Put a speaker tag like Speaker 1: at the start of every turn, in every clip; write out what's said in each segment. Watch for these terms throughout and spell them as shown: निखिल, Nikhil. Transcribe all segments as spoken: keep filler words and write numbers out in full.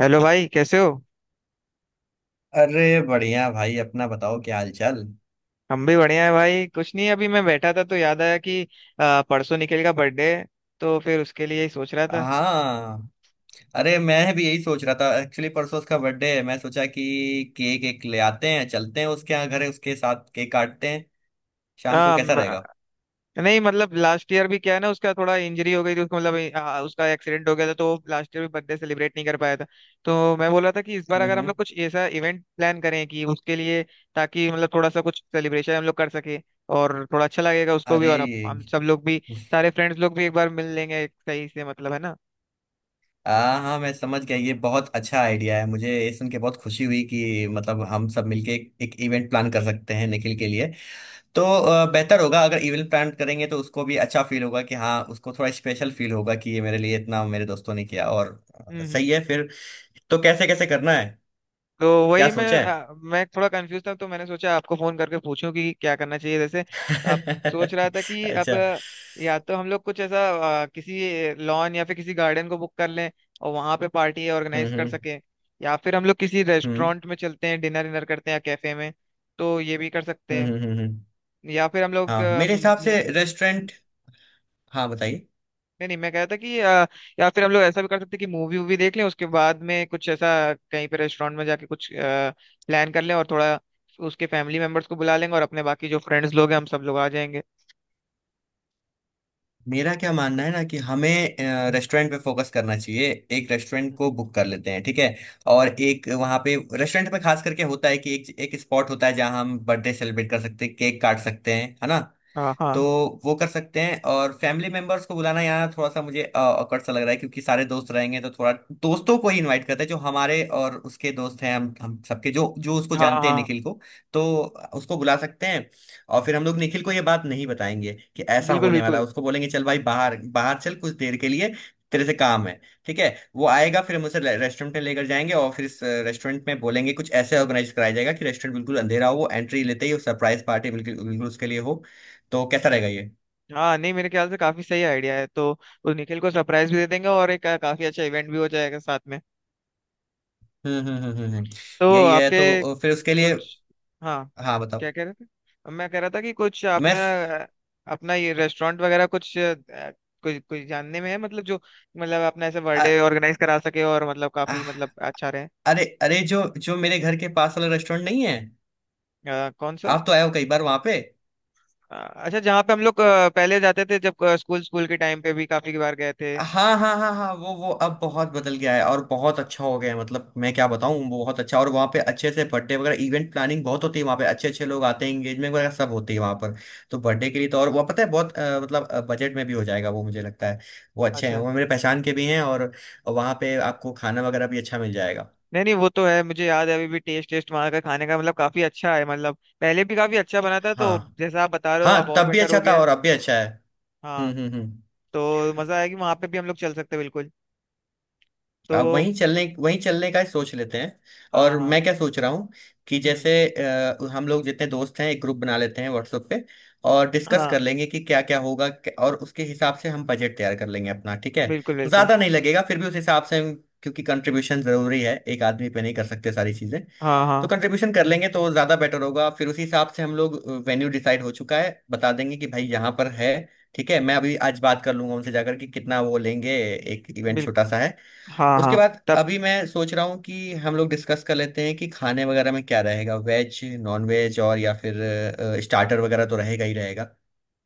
Speaker 1: Hello भाई कैसे हो।
Speaker 2: अरे बढ़िया भाई अपना बताओ क्या हाल चाल।
Speaker 1: हम भी बढ़िया है भाई, कुछ नहीं अभी मैं बैठा था तो याद आया कि आ, परसों निखिल का बर्थडे है। तो फिर उसके लिए ही सोच रहा था।
Speaker 2: हाँ। अरे मैं भी यही सोच रहा था एक्चुअली परसों उसका बर्थडे है। मैं सोचा कि केक एक ले आते हैं चलते हैं उसके यहाँ घर है उसके साथ केक काटते हैं। शाम को
Speaker 1: आ,
Speaker 2: कैसा
Speaker 1: म-
Speaker 2: रहेगा।
Speaker 1: नहीं मतलब लास्ट ईयर भी क्या है ना, उसका थोड़ा इंजरी हो गई थी उसको मतलब आ, उसका एक्सीडेंट हो गया था, तो वो लास्ट ईयर भी बर्थडे सेलिब्रेट नहीं कर पाया था। तो मैं बोल रहा था कि इस बार
Speaker 2: हम्म
Speaker 1: अगर हम
Speaker 2: हम्म।
Speaker 1: लोग कुछ ऐसा इवेंट प्लान करें कि उसके लिए, ताकि मतलब थोड़ा सा कुछ सेलिब्रेशन हम लोग कर सके, और थोड़ा अच्छा लगेगा उसको भी
Speaker 2: अरे
Speaker 1: और हम
Speaker 2: ये-
Speaker 1: हम सब लोग भी। सारे फ्रेंड्स लोग भी एक बार मिल लेंगे सही से, मतलब है ना।
Speaker 2: हाँ हाँ मैं समझ गया ये बहुत अच्छा आइडिया है। मुझे ये सुन के बहुत खुशी हुई कि मतलब हम सब मिलके एक, एक इवेंट प्लान कर सकते हैं निखिल के लिए। तो अ, बेहतर होगा अगर इवेंट प्लान करेंगे तो उसको भी अच्छा फील होगा कि हाँ उसको थोड़ा स्पेशल फील होगा कि ये मेरे लिए इतना मेरे दोस्तों ने किया। और अ,
Speaker 1: हम्म हम्म।
Speaker 2: सही है फिर। तो कैसे कैसे करना है।
Speaker 1: तो
Speaker 2: क्या
Speaker 1: वही मैं
Speaker 2: सोचा है?
Speaker 1: आ, मैं थोड़ा कंफ्यूज था तो मैंने सोचा आपको फोन करके पूछूं कि क्या करना चाहिए, जैसे आप। सोच रहा था कि अब
Speaker 2: अच्छा।
Speaker 1: अ, या तो हम लोग कुछ ऐसा अ, किसी लॉन या फिर किसी गार्डन को बुक कर लें और वहां पे पार्टी ऑर्गेनाइज
Speaker 2: हम्म
Speaker 1: कर
Speaker 2: हम्म
Speaker 1: सकें। या फिर हम लोग किसी
Speaker 2: हम्म
Speaker 1: रेस्टोरेंट में चलते हैं, डिनर डिनर करते हैं या कैफे में, तो ये भी कर सकते
Speaker 2: हम्म
Speaker 1: हैं।
Speaker 2: हम्म हम्म, हम्म।
Speaker 1: या फिर हम लोग
Speaker 2: हाँ,
Speaker 1: आ,
Speaker 2: मेरे हिसाब
Speaker 1: मु-
Speaker 2: से रेस्टोरेंट। हाँ बताइए।
Speaker 1: नहीं नहीं, मैं कह रहा था कि अ, या फिर हम लोग ऐसा भी कर सकते हैं कि मूवी वूवी देख लें, उसके बाद में कुछ ऐसा कहीं पे रेस्टोरेंट में जाके कुछ प्लान कर लें, और थोड़ा उसके फैमिली मेंबर्स को बुला लेंगे और अपने बाकी जो फ्रेंड्स लोग हैं हम सब लोग आ जाएंगे।
Speaker 2: मेरा क्या मानना है ना कि हमें रेस्टोरेंट पे फोकस करना चाहिए। एक रेस्टोरेंट को बुक कर लेते हैं ठीक है। और एक वहाँ पे रेस्टोरेंट पे खास करके होता है कि एक एक स्पॉट होता है जहाँ हम बर्थडे सेलिब्रेट कर सकते हैं केक काट सकते हैं है ना।
Speaker 1: हाँ
Speaker 2: तो
Speaker 1: हाँ
Speaker 2: वो कर सकते हैं। और फैमिली मेंबर्स को बुलाना यहाँ थोड़ा सा मुझे अ, awkward सा लग रहा है क्योंकि सारे दोस्त रहेंगे तो थोड़ा दोस्तों को ही इनवाइट करते हैं जो हमारे और उसके दोस्त हैं हम हम सबके जो जो उसको
Speaker 1: हाँ
Speaker 2: जानते हैं
Speaker 1: हाँ।
Speaker 2: निखिल को। तो उसको बुला सकते हैं। और फिर हम लोग निखिल को ये बात नहीं बताएंगे कि ऐसा
Speaker 1: बिल्कुल
Speaker 2: होने वाला
Speaker 1: बिल्कुल।
Speaker 2: है। उसको बोलेंगे चल भाई बाहर बाहर चल कुछ देर के लिए तेरे से काम है ठीक है। वो आएगा फिर हम उसे रेस्टोरेंट में लेकर जाएंगे और फिर इस रेस्टोरेंट में बोलेंगे कुछ ऐसे ऑर्गेनाइज कराया जाएगा कि रेस्टोरेंट बिल्कुल अंधेरा हो, वो एंट्री लेते ही सरप्राइज पार्टी बिल्कुल बिल्कुल उसके लिए हो। तो कैसा रहेगा ये?
Speaker 1: हाँ नहीं मेरे ख्याल से काफी सही आइडिया है, तो उस निखिल को सरप्राइज भी दे देंगे और एक अ, काफी अच्छा इवेंट भी हो जाएगा साथ में।
Speaker 2: हम्म हम्म हम्म हम्म हम्म।
Speaker 1: तो
Speaker 2: यही है
Speaker 1: आपके
Speaker 2: तो अ, फिर उसके लिए।
Speaker 1: कुछ, हाँ,
Speaker 2: हाँ बताओ।
Speaker 1: क्या कह रहे थे। अब मैं कह रहा था कि कुछ
Speaker 2: मैं।
Speaker 1: आपने अ, अपना ये रेस्टोरेंट वगैरह कुछ अ, कुछ कुछ जानने में है मतलब जो, मतलब आपने ऐसे
Speaker 2: अ-
Speaker 1: बर्थडे ऑर्गेनाइज करा सके और मतलब
Speaker 2: अ-
Speaker 1: काफी मतलब अच्छा रहे।
Speaker 2: अरे अरे जो जो मेरे घर के पास वाला रेस्टोरेंट नहीं है,
Speaker 1: अ, कौन सा।
Speaker 2: आप तो आए हो कई बार वहां पे।
Speaker 1: अ, अच्छा, जहाँ पे हम लोग अ, पहले जाते थे, जब स्कूल स्कूल के टाइम पे भी काफी बार गए थे।
Speaker 2: हाँ हाँ हाँ हाँ वो वो अब बहुत बदल गया है और बहुत अच्छा हो गया है। मतलब मैं क्या बताऊँ वो बहुत अच्छा, और वहाँ पे अच्छे से बर्थडे वगैरह इवेंट प्लानिंग बहुत होती है वहाँ पे, अच्छे अच्छे लोग आते हैं एंगेजमेंट वगैरह सब होती है वहाँ पर। तो बर्थडे के लिए तो, और वो पता है बहुत अ, मतलब बजट में भी हो जाएगा वो मुझे लगता है। वो अच्छे हैं
Speaker 1: अच्छा।
Speaker 2: वो मेरे पहचान के भी हैं। और वहाँ पे आपको खाना वगैरह भी अच्छा मिल जाएगा।
Speaker 1: नहीं नहीं, वो तो है, मुझे याद है अभी भी, टेस्ट टेस्ट वहाँ का खाने का मतलब काफी अच्छा है, मतलब पहले भी काफी अच्छा बना था, तो
Speaker 2: हाँ।
Speaker 1: जैसा आप बता रहे हो
Speaker 2: हाँ
Speaker 1: अब और
Speaker 2: तब भी
Speaker 1: बेटर
Speaker 2: अच्छा
Speaker 1: हो
Speaker 2: था
Speaker 1: गया है।
Speaker 2: और अब भी अच्छा है। हम्म
Speaker 1: हाँ।
Speaker 2: हम्म हम्म।
Speaker 1: तो मजा आएगी, वहां पे भी हम लोग चल सकते हैं बिल्कुल। तो
Speaker 2: अब वहीं चलने वहीं चलने का ही सोच लेते हैं।
Speaker 1: हाँ
Speaker 2: और
Speaker 1: हाँ।
Speaker 2: मैं क्या सोच रहा हूँ कि
Speaker 1: हम्म।
Speaker 2: जैसे अ, हम लोग जितने दोस्त हैं एक ग्रुप बना लेते हैं व्हाट्सएप पे, और डिस्कस
Speaker 1: हाँ
Speaker 2: कर लेंगे कि क्या क्या होगा क- और उसके हिसाब से हम बजट तैयार कर लेंगे अपना ठीक है।
Speaker 1: बिल्कुल बिल्कुल।
Speaker 2: ज़्यादा नहीं लगेगा फिर भी उस हिसाब से हम- क्योंकि कंट्रीब्यूशन ज़रूरी है, एक आदमी पे नहीं कर सकते सारी चीज़ें।
Speaker 1: हाँ
Speaker 2: तो
Speaker 1: हाँ
Speaker 2: कंट्रीब्यूशन कर लेंगे तो ज़्यादा बेटर होगा, फिर उसी हिसाब से हम लोग वेन्यू डिसाइड हो चुका है बता देंगे कि भाई यहाँ पर है ठीक है। मैं अभी आज बात कर लूंगा उनसे जाकर कि कितना वो लेंगे, एक इवेंट छोटा सा
Speaker 1: बिल्कुल।
Speaker 2: है।
Speaker 1: हाँ
Speaker 2: उसके
Speaker 1: हाँ।
Speaker 2: बाद
Speaker 1: तब।
Speaker 2: अभी मैं सोच रहा हूँ कि हम लोग डिस्कस कर लेते हैं कि खाने वगैरह में क्या रहेगा, वेज नॉन वेज, और या फिर स्टार्टर वगैरह तो रहेगा ही रहेगा।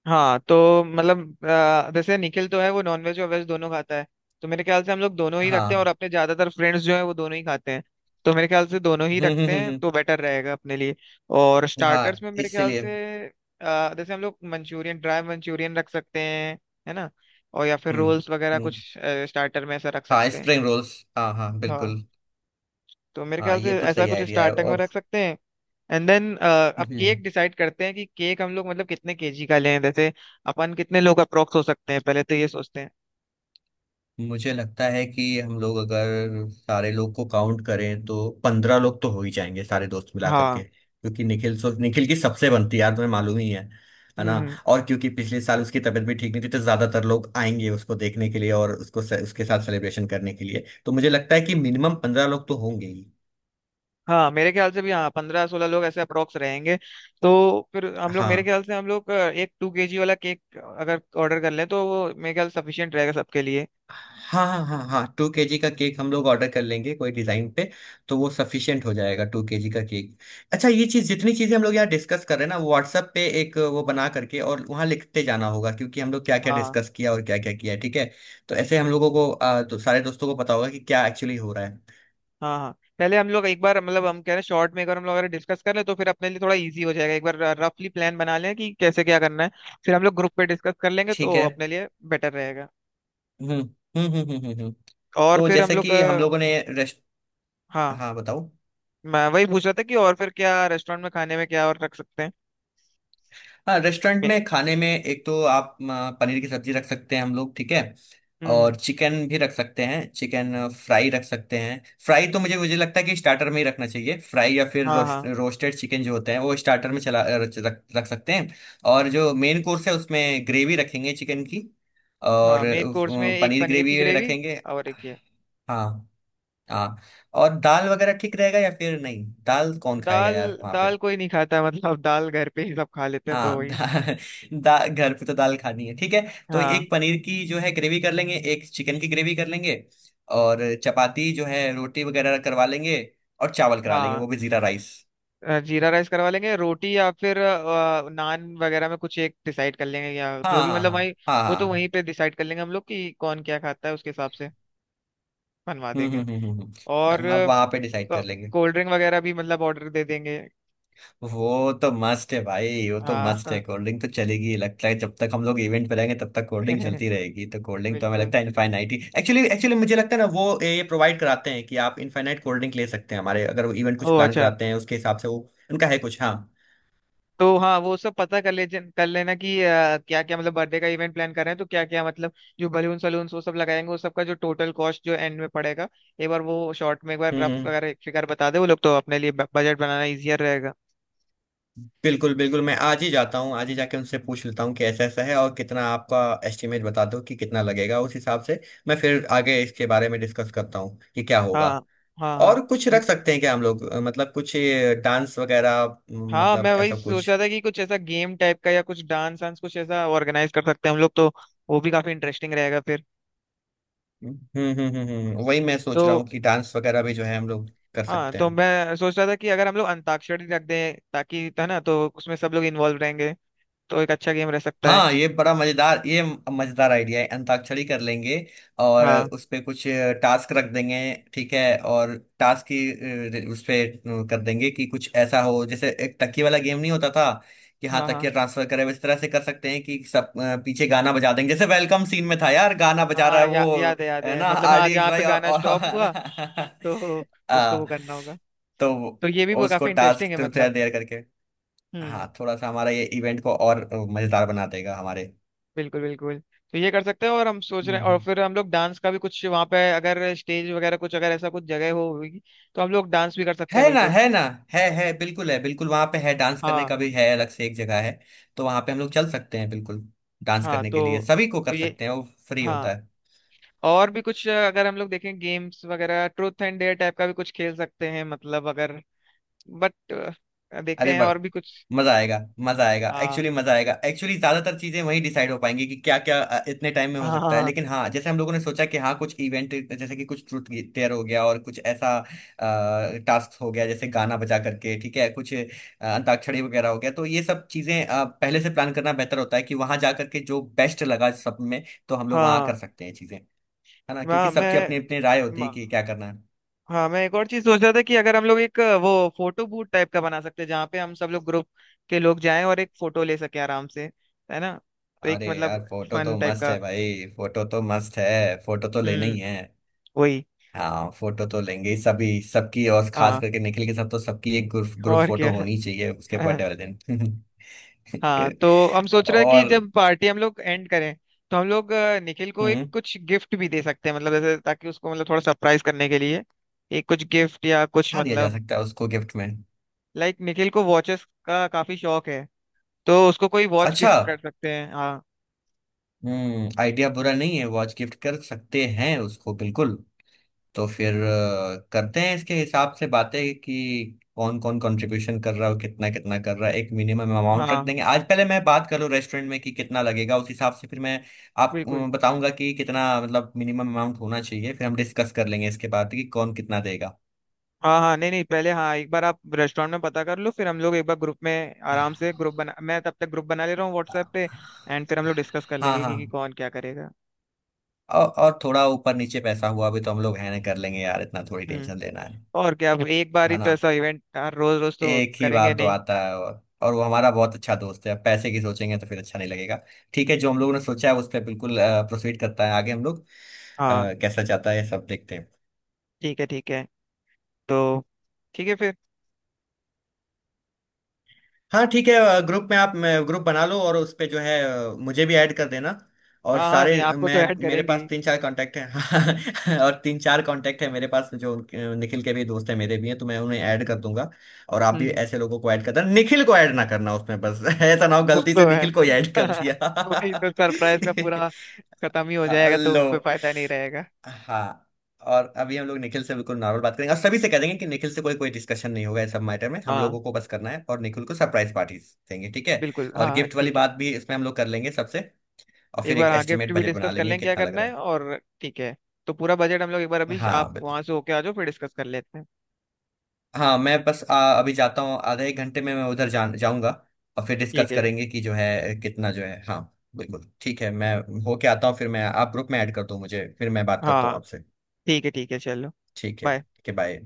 Speaker 1: हाँ तो मतलब अ, जैसे निखिल तो है वो नॉनवेज और वेज दोनों खाता है, तो मेरे ख्याल से हम लोग दोनों ही रखते हैं,
Speaker 2: हाँ।
Speaker 1: और अपने ज्यादातर फ्रेंड्स जो है वो दोनों ही खाते हैं, तो मेरे ख्याल से दोनों ही
Speaker 2: हम्म
Speaker 1: रखते
Speaker 2: हम्म
Speaker 1: हैं
Speaker 2: हम्म
Speaker 1: तो बेटर रहेगा अपने लिए। और
Speaker 2: हम्म,
Speaker 1: स्टार्टर्स
Speaker 2: हाँ
Speaker 1: में मेरे ख्याल
Speaker 2: इसलिए।
Speaker 1: से अ, जैसे हम लोग मंचूरियन, ड्राई मंचूरियन रख सकते हैं, है ना, और या फिर
Speaker 2: हम्म
Speaker 1: रोल्स वगैरह कुछ
Speaker 2: हम्म।
Speaker 1: स्टार्टर में ऐसा रख
Speaker 2: हाँ
Speaker 1: सकते हैं।
Speaker 2: स्प्रिंग रोल्स हाँ हाँ
Speaker 1: हाँ,
Speaker 2: बिल्कुल।
Speaker 1: तो मेरे
Speaker 2: हाँ
Speaker 1: ख्याल
Speaker 2: ये
Speaker 1: से
Speaker 2: तो
Speaker 1: ऐसा
Speaker 2: सही
Speaker 1: कुछ
Speaker 2: आइडिया है।
Speaker 1: स्टार्टिंग में
Speaker 2: और
Speaker 1: रख सकते हैं। एंड देन, अब
Speaker 2: हम्म।
Speaker 1: केक डिसाइड करते हैं कि केक हम लोग मतलब कितने केजी का लें, जैसे अपन कितने लोग अप्रोक्स हो सकते हैं पहले तो ये सोचते हैं।
Speaker 2: मुझे लगता है कि हम लोग अगर सारे लोग को काउंट करें तो पंद्रह लोग तो हो ही जाएंगे सारे दोस्त मिला करके,
Speaker 1: हाँ।
Speaker 2: क्योंकि निखिल सो निखिल की सबसे बनती है यार तुम्हें मालूम ही है। है
Speaker 1: हम्म
Speaker 2: ना।
Speaker 1: हम्म,
Speaker 2: और क्योंकि पिछले साल उसकी तबीयत भी ठीक नहीं थी तो ज्यादातर लोग आएंगे उसको देखने के लिए और उसको से, उसके साथ सेलिब्रेशन करने के लिए। तो मुझे लगता है कि मिनिमम पंद्रह लोग तो होंगे ही।
Speaker 1: हाँ मेरे ख्याल से भी, हाँ पंद्रह सोलह लोग ऐसे अप्रोक्स रहेंगे। तो फिर हम लोग, मेरे
Speaker 2: हाँ
Speaker 1: ख्याल से हम लोग अ, एक टू केजी वाला केक अगर ऑर्डर कर लें तो वो मेरे ख्याल सफिशियंट रहेगा सबके लिए।
Speaker 2: हाँ हाँ हाँ हाँ, टू केजी का केक हम लोग ऑर्डर कर लेंगे कोई डिजाइन पे। तो वो सफिशियंट हो जाएगा टू केजी का केक। अच्छा ये चीज जितनी चीजें हम लोग यहाँ डिस्कस कर रहे हैं ना व्हाट्सएप पे एक वो बना करके और वहाँ लिखते जाना होगा, क्योंकि हम लोग क्या क्या
Speaker 1: हाँ
Speaker 2: डिस्कस किया और क्या क्या किया है ठीक है। तो ऐसे हम लोगों को आ, तो सारे दोस्तों को पता होगा कि क्या एक्चुअली हो रहा है।
Speaker 1: हाँ हाँ। पहले हम लोग एक बार मतलब, हम कह रहे हैं शॉर्ट में एक बार हम लोग अगर डिस्कस कर ले तो फिर अपने लिए थोड़ा इजी हो जाएगा। एक बार रफली प्लान बना लें कि कैसे क्या करना है, फिर हम लोग ग्रुप पे डिस्कस कर लेंगे
Speaker 2: ठीक
Speaker 1: तो
Speaker 2: है।
Speaker 1: अपने लिए बेटर रहेगा।
Speaker 2: हम्म हम्म हम्म हम्म हम्म हम्म।
Speaker 1: और
Speaker 2: तो
Speaker 1: फिर हम
Speaker 2: जैसे
Speaker 1: लोग
Speaker 2: कि हम
Speaker 1: अ,
Speaker 2: लोगों ने रेस्ट।
Speaker 1: हाँ
Speaker 2: हाँ बताओ।
Speaker 1: मैं वही पूछ रहा था कि और फिर क्या रेस्टोरेंट में खाने में क्या और रख सकते हैं।
Speaker 2: हाँ रेस्टोरेंट
Speaker 1: मे-
Speaker 2: में खाने में एक तो आप आ, पनीर की सब्जी रख सकते हैं हम लोग ठीक है।
Speaker 1: हम्म।
Speaker 2: और चिकन भी रख सकते हैं, चिकन फ्राई रख सकते हैं। फ्राई तो मुझे मुझे लगता है कि स्टार्टर में ही रखना चाहिए, फ्राई या फिर
Speaker 1: हाँ
Speaker 2: रोस्ट,
Speaker 1: हाँ।
Speaker 2: रोस्टेड चिकन जो होते हैं वो स्टार्टर में चला रख, रख रख सकते हैं। और जो मेन कोर्स है उसमें ग्रेवी रखेंगे चिकन की।
Speaker 1: हाँ
Speaker 2: और
Speaker 1: मेन कोर्स में
Speaker 2: अ,
Speaker 1: एक
Speaker 2: पनीर
Speaker 1: पनीर की
Speaker 2: ग्रेवी
Speaker 1: ग्रेवी
Speaker 2: रखेंगे।
Speaker 1: और एक ये
Speaker 2: हाँ। हाँ। और दाल वगैरह ठीक रहेगा, या फिर नहीं दाल कौन खाएगा
Speaker 1: दाल।
Speaker 2: यार वहाँ
Speaker 1: दाल
Speaker 2: पे?
Speaker 1: कोई नहीं खाता मतलब दाल घर पे ही सब खा लेते हैं तो
Speaker 2: हाँ
Speaker 1: वही।
Speaker 2: दाल दा, घर पे तो दाल खानी है ठीक है। तो
Speaker 1: हाँ।
Speaker 2: एक पनीर की जो है ग्रेवी कर लेंगे, एक चिकन की ग्रेवी कर लेंगे। और चपाती जो है रोटी वगैरह करवा लेंगे। और चावल करा लेंगे
Speaker 1: हाँ
Speaker 2: वो भी जीरा राइस।
Speaker 1: अ, जीरा राइस करवा लेंगे, रोटी या फिर अ, नान वगैरह में कुछ एक डिसाइड कर लेंगे या
Speaker 2: हाँ
Speaker 1: जो भी
Speaker 2: हाँ
Speaker 1: मतलब
Speaker 2: हाँ
Speaker 1: वही।
Speaker 2: हाँ
Speaker 1: वो
Speaker 2: हाँ
Speaker 1: तो वहीं
Speaker 2: हाँ,
Speaker 1: पे डिसाइड कर लेंगे हम लोग कि कौन क्या खाता है उसके हिसाब से बनवा
Speaker 2: हम्म हम्म
Speaker 1: देंगे।
Speaker 2: हम्म हम्म
Speaker 1: और
Speaker 2: हम्म। हाँ वहाँ पे डिसाइड कर लेंगे।
Speaker 1: कोल्ड ड्रिंक वगैरह भी मतलब ऑर्डर दे देंगे।
Speaker 2: वो तो मस्त है भाई, वो तो मस्त है,
Speaker 1: हाँ
Speaker 2: कोल्ड ड्रिंक तो चलेगी लगता है, जब तक हम लोग इवेंट पे रहेंगे तब तक कोल्ड ड्रिंक चलती रहेगी। तो कोल्ड ड्रिंक तो हमें
Speaker 1: बिल्कुल।
Speaker 2: लगता है इनफाइनाइट ही एक्चुअली। एक्चुअली मुझे लगता है ना वो ये प्रोवाइड कराते हैं कि आप इनफाइनाइट कोल्ड ड्रिंक ले सकते हैं हमारे, अगर वो इवेंट कुछ
Speaker 1: ओ
Speaker 2: प्लान
Speaker 1: अच्छा।
Speaker 2: कराते हैं उसके हिसाब से वो उनका है कुछ हाँ।
Speaker 1: तो हाँ वो सब पता कर ले, कर लेना कि क्या क्या मतलब बर्थडे का इवेंट प्लान कर रहे हैं तो क्या क्या मतलब जो बलून सलून वो सब लगाएंगे, वो सबका जो टोटल कॉस्ट जो एंड में पड़ेगा, एक बार वो शॉर्ट में एक बार
Speaker 2: हम्म
Speaker 1: रफ
Speaker 2: हम्म।
Speaker 1: अगर फिगर बता दे वो लोग तो अपने लिए बजट बनाना इजियर रहेगा।
Speaker 2: बिल्कुल बिल्कुल मैं आज ही जाता हूँ, आज ही जाके उनसे पूछ लेता हूँ कि ऐसा ऐसा है और कितना आपका एस्टिमेट बता दो कि कितना लगेगा उस हिसाब से। मैं फिर आगे इसके बारे में डिस्कस करता हूँ कि क्या
Speaker 1: हाँ
Speaker 2: होगा।
Speaker 1: हाँ हाँ।
Speaker 2: और कुछ
Speaker 1: हम्म,
Speaker 2: रख सकते हैं क्या हम लोग अ, मतलब कुछ ये डांस वगैरह, म,
Speaker 1: हाँ
Speaker 2: मतलब
Speaker 1: मैं वही
Speaker 2: ऐसा
Speaker 1: सोच
Speaker 2: कुछ।
Speaker 1: रहा था कि कुछ ऐसा गेम टाइप का या कुछ डांस वांस कुछ ऐसा ऑर्गेनाइज कर सकते हैं हम लोग तो वो भी काफी इंटरेस्टिंग रहेगा फिर।
Speaker 2: हम्म हम्म हम्म हम्म, हम्म, वही मैं
Speaker 1: तो
Speaker 2: सोच रहा हूँ कि डांस वगैरह भी जो है हम लोग कर
Speaker 1: हाँ,
Speaker 2: सकते
Speaker 1: तो
Speaker 2: हैं।
Speaker 1: मैं सोच रहा था कि अगर हम लोग अंताक्षरी रख दें, ताकि, है ना, तो उसमें सब लोग इन्वॉल्व रहेंगे तो एक अच्छा गेम रह सकता है।
Speaker 2: हाँ ये बड़ा मजेदार, ये मजेदार आइडिया है, अंताक्षरी कर लेंगे। और
Speaker 1: हाँ
Speaker 2: उस पे कुछ टास्क रख देंगे ठीक है। और टास्क की अ, उस पे कर देंगे कि कुछ ऐसा हो जैसे एक तकिया वाला गेम नहीं होता था कि हाँ
Speaker 1: हाँ हाँ
Speaker 2: तकिया ट्रांसफर करे, इस तरह से कर सकते हैं कि सब अ, पीछे गाना बजा देंगे जैसे वेलकम सीन में था यार गाना बजा रहा
Speaker 1: हाँ।
Speaker 2: है
Speaker 1: या,
Speaker 2: वो,
Speaker 1: याद है, याद
Speaker 2: है
Speaker 1: है
Speaker 2: ना
Speaker 1: मतलब, हाँ
Speaker 2: आर डी एक्स
Speaker 1: जहाँ पे
Speaker 2: भाई और
Speaker 1: गाना
Speaker 2: और-
Speaker 1: स्टॉप
Speaker 2: है ना।
Speaker 1: हुआ तो उसको
Speaker 2: आ,
Speaker 1: वो करना होगा,
Speaker 2: तो
Speaker 1: तो ये भी वो
Speaker 2: उसको
Speaker 1: काफी
Speaker 2: टास्क
Speaker 1: इंटरेस्टिंग है
Speaker 2: तो थोड़ा
Speaker 1: मतलब।
Speaker 2: देर करके।
Speaker 1: हम्म।
Speaker 2: हाँ थोड़ा सा हमारा ये इवेंट को और अ, मजेदार बना देगा हमारे।
Speaker 1: बिल्कुल बिल्कुल। तो ये कर सकते हैं, और हम सोच रहे हैं, और
Speaker 2: हम्म।
Speaker 1: फिर हम लोग डांस का भी कुछ वहाँ पे अगर स्टेज वगैरह कुछ, अगर ऐसा कुछ जगह हो होगी तो हम लोग डांस भी कर सकते हैं
Speaker 2: है ना,
Speaker 1: बिल्कुल।
Speaker 2: है ना। है है बिल्कुल है, बिल्कुल वहां पे है डांस करने
Speaker 1: हाँ
Speaker 2: का भी, है अलग से एक जगह है। तो वहां पे हम लोग चल सकते हैं बिल्कुल। डांस
Speaker 1: हाँ।
Speaker 2: करने के लिए
Speaker 1: तो
Speaker 2: सभी को
Speaker 1: तो
Speaker 2: कर
Speaker 1: ये,
Speaker 2: सकते हैं वो फ्री
Speaker 1: हाँ
Speaker 2: होता है।
Speaker 1: और भी कुछ अ, अगर हम लोग देखें गेम्स वगैरह, ट्रूथ एंड डेयर टाइप का भी कुछ खेल सकते हैं मतलब अगर, बट, देखते
Speaker 2: अरे
Speaker 1: हैं
Speaker 2: बड़
Speaker 1: और भी कुछ।
Speaker 2: मजा आएगा, मजा आएगा
Speaker 1: हाँ
Speaker 2: एक्चुअली, मजा आएगा एक्चुअली। ज्यादातर चीजें वहीं डिसाइड हो पाएंगी कि क्या क्या इतने टाइम में हो सकता है।
Speaker 1: हाँ
Speaker 2: लेकिन हाँ जैसे हम लोगों ने सोचा कि हाँ कुछ इवेंट जैसे कि कुछ ट्रूथ टेयर हो गया और कुछ ऐसा टास्क हो गया जैसे गाना बजा करके ठीक है कुछ अ, अंताक्षरी वगैरह हो गया, तो ये सब चीजें अ, पहले से प्लान करना बेहतर होता है कि वहां जा करके जो बेस्ट लगा सब में, तो हम लोग वहां
Speaker 1: हाँ।
Speaker 2: कर सकते हैं चीजें, है ना, क्योंकि
Speaker 1: मैं
Speaker 2: सबकी अपनी
Speaker 1: मैं
Speaker 2: अपनी राय होती है
Speaker 1: म-
Speaker 2: कि क्या करना है।
Speaker 1: हाँ मैं एक और चीज सोच रहा था कि अगर हम लोग एक अ, वो फोटो बूथ टाइप का बना सकते हैं जहाँ पे हम सब लोग ग्रुप के लोग जाएं और एक फोटो ले सके आराम से, है ना, तो एक
Speaker 2: अरे यार
Speaker 1: मतलब
Speaker 2: फोटो
Speaker 1: फन
Speaker 2: तो
Speaker 1: टाइप
Speaker 2: मस्त
Speaker 1: का।
Speaker 2: है भाई, फोटो तो मस्त है, फोटो तो लेना
Speaker 1: हम्म।
Speaker 2: ही है।
Speaker 1: वही।
Speaker 2: हाँ फोटो तो लेंगे ही सभी सबकी, और खास
Speaker 1: हाँ
Speaker 2: करके निखिल के साथ तो सबकी एक ग्रुप ग्रुप
Speaker 1: और
Speaker 2: फोटो
Speaker 1: क्या।
Speaker 2: होनी चाहिए उसके बर्थडे वाले दिन।
Speaker 1: हाँ तो हम सोच रहे हैं कि
Speaker 2: और
Speaker 1: जब पार्टी हम लोग एंड करें तो हम लोग अ, निखिल को एक
Speaker 2: हम्म।
Speaker 1: कुछ गिफ्ट भी दे सकते हैं मतलब, जैसे ताकि उसको मतलब थोड़ा सरप्राइज करने के लिए एक कुछ गिफ्ट या कुछ
Speaker 2: क्या दिया जा
Speaker 1: मतलब,
Speaker 2: सकता है उसको गिफ्ट में?
Speaker 1: लाइक निखिल को वॉचेस का काफी शौक है तो उसको कोई वॉच
Speaker 2: अच्छा।
Speaker 1: गिफ्ट कर सकते हैं हाँ।
Speaker 2: हम्म आइडिया बुरा नहीं है, वॉच गिफ्ट कर सकते हैं उसको बिल्कुल। तो फिर अ, करते हैं इसके हिसाब से बातें कि कौन कौन कंट्रीब्यूशन कर रहा है और कितना कितना कर रहा है, एक मिनिमम अमाउंट रख
Speaker 1: हाँ
Speaker 2: देंगे। आज पहले मैं बात करूँ रेस्टोरेंट में कि कितना लगेगा उस हिसाब से, फिर मैं आप अ,
Speaker 1: बिल्कुल।
Speaker 2: बताऊंगा कि कितना मतलब मिनिमम अमाउंट होना चाहिए, फिर हम डिस्कस कर लेंगे इसके बाद कि कौन कितना देगा।
Speaker 1: हाँ हाँ नहीं नहीं, पहले हाँ एक बार आप रेस्टोरेंट में पता कर लो, फिर हम लोग एक बार ग्रुप में आराम से ग्रुप बना, मैं तब तक ग्रुप बना ले रहा हूँ व्हाट्सएप पे, एंड फिर हम लोग डिस्कस कर
Speaker 2: हाँ
Speaker 1: लेंगे
Speaker 2: हाँ।
Speaker 1: कि, कि कौन क्या करेगा।
Speaker 2: औ, और थोड़ा ऊपर नीचे पैसा हुआ भी तो हम लोग है ना कर लेंगे यार, इतना थोड़ी
Speaker 1: हम्म।
Speaker 2: टेंशन लेना है
Speaker 1: और क्या, अब एक बार
Speaker 2: है
Speaker 1: ही तो
Speaker 2: ना।
Speaker 1: ऐसा इवेंट यार, रोज रोज तो
Speaker 2: एक ही बार
Speaker 1: करेंगे
Speaker 2: तो
Speaker 1: नहीं।
Speaker 2: आता है, और और वो हमारा बहुत अच्छा दोस्त है, पैसे की सोचेंगे तो फिर अच्छा नहीं लगेगा। ठीक है जो हम लोगों
Speaker 1: हम्म।
Speaker 2: ने सोचा है उस पर बिल्कुल प्रोसीड करता है आगे हम लोग,
Speaker 1: हाँ
Speaker 2: अ, कैसा जाता है सब देखते हैं।
Speaker 1: ठीक है ठीक है। तो ठीक है फिर।
Speaker 2: हाँ ठीक है। ग्रुप में आप ग्रुप बना लो और उस पे जो है अ, मुझे भी ऐड कर देना, और
Speaker 1: हाँ हाँ
Speaker 2: सारे
Speaker 1: नहीं आपको
Speaker 2: मैं
Speaker 1: तो ऐड
Speaker 2: मेरे
Speaker 1: करेंगे
Speaker 2: पास
Speaker 1: ही।
Speaker 2: तीन चार कांटेक्ट हैं और तीन चार कांटेक्ट है मेरे पास जो अ, निखिल के भी दोस्त हैं मेरे भी हैं, तो मैं उन्हें ऐड कर दूंगा। और आप
Speaker 1: हम्म
Speaker 2: भी
Speaker 1: हम्म।
Speaker 2: ऐसे लोगों को ऐड कर देना, निखिल को ऐड ना करना उसमें बस ऐसा ना हो
Speaker 1: वो
Speaker 2: गलती से
Speaker 1: तो है।
Speaker 2: निखिल को ही ऐड कर दिया।
Speaker 1: वही तो सरप्राइज का पूरा खत्म ही हो जाएगा तो
Speaker 2: हेलो।
Speaker 1: कोई फायदा नहीं रहेगा।
Speaker 2: हाँ। और अभी हम लोग निखिल से बिल्कुल नॉर्मल बात करेंगे और सभी से कह देंगे कि निखिल से कोई कोई डिस्कशन नहीं होगा इस सब मैटर में, हम
Speaker 1: हाँ
Speaker 2: लोगों को बस करना है और निखिल को सरप्राइज पार्टी देंगे ठीक है।
Speaker 1: बिल्कुल, हाँ
Speaker 2: और
Speaker 1: हाँ,
Speaker 2: गिफ्ट वाली
Speaker 1: ठीक है।
Speaker 2: बात भी इसमें हम लोग कर लेंगे सबसे, और
Speaker 1: एक
Speaker 2: फिर
Speaker 1: बार
Speaker 2: एक
Speaker 1: हाँ गिफ्ट
Speaker 2: एस्टिमेट
Speaker 1: भी
Speaker 2: बजट बना
Speaker 1: डिस्कस कर
Speaker 2: लेंगे
Speaker 1: लें क्या
Speaker 2: कितना लग
Speaker 1: करना
Speaker 2: रहा
Speaker 1: है, और ठीक है, तो पूरा बजट हम लोग एक बार
Speaker 2: है।
Speaker 1: अभी आप
Speaker 2: हाँ बिल्कुल।
Speaker 1: वहां से होके आ जाओ फिर डिस्कस कर लेते हैं।
Speaker 2: हाँ मैं बस आ, अभी जाता हूँ, आधे एक घंटे में मैं उधर जा, जाऊंगा, और फिर
Speaker 1: ठीक
Speaker 2: डिस्कस
Speaker 1: है।
Speaker 2: करेंगे कि जो है कितना जो है हाँ। बिल्कुल ठीक है, मैं होके आता हूँ फिर मैं आप ग्रुप में ऐड कर दो मुझे, फिर मैं बात करता हूँ
Speaker 1: हाँ
Speaker 2: आपसे।
Speaker 1: ठीक है ठीक है चलो।
Speaker 2: ठीक है
Speaker 1: बाय।
Speaker 2: ठीक है बाय।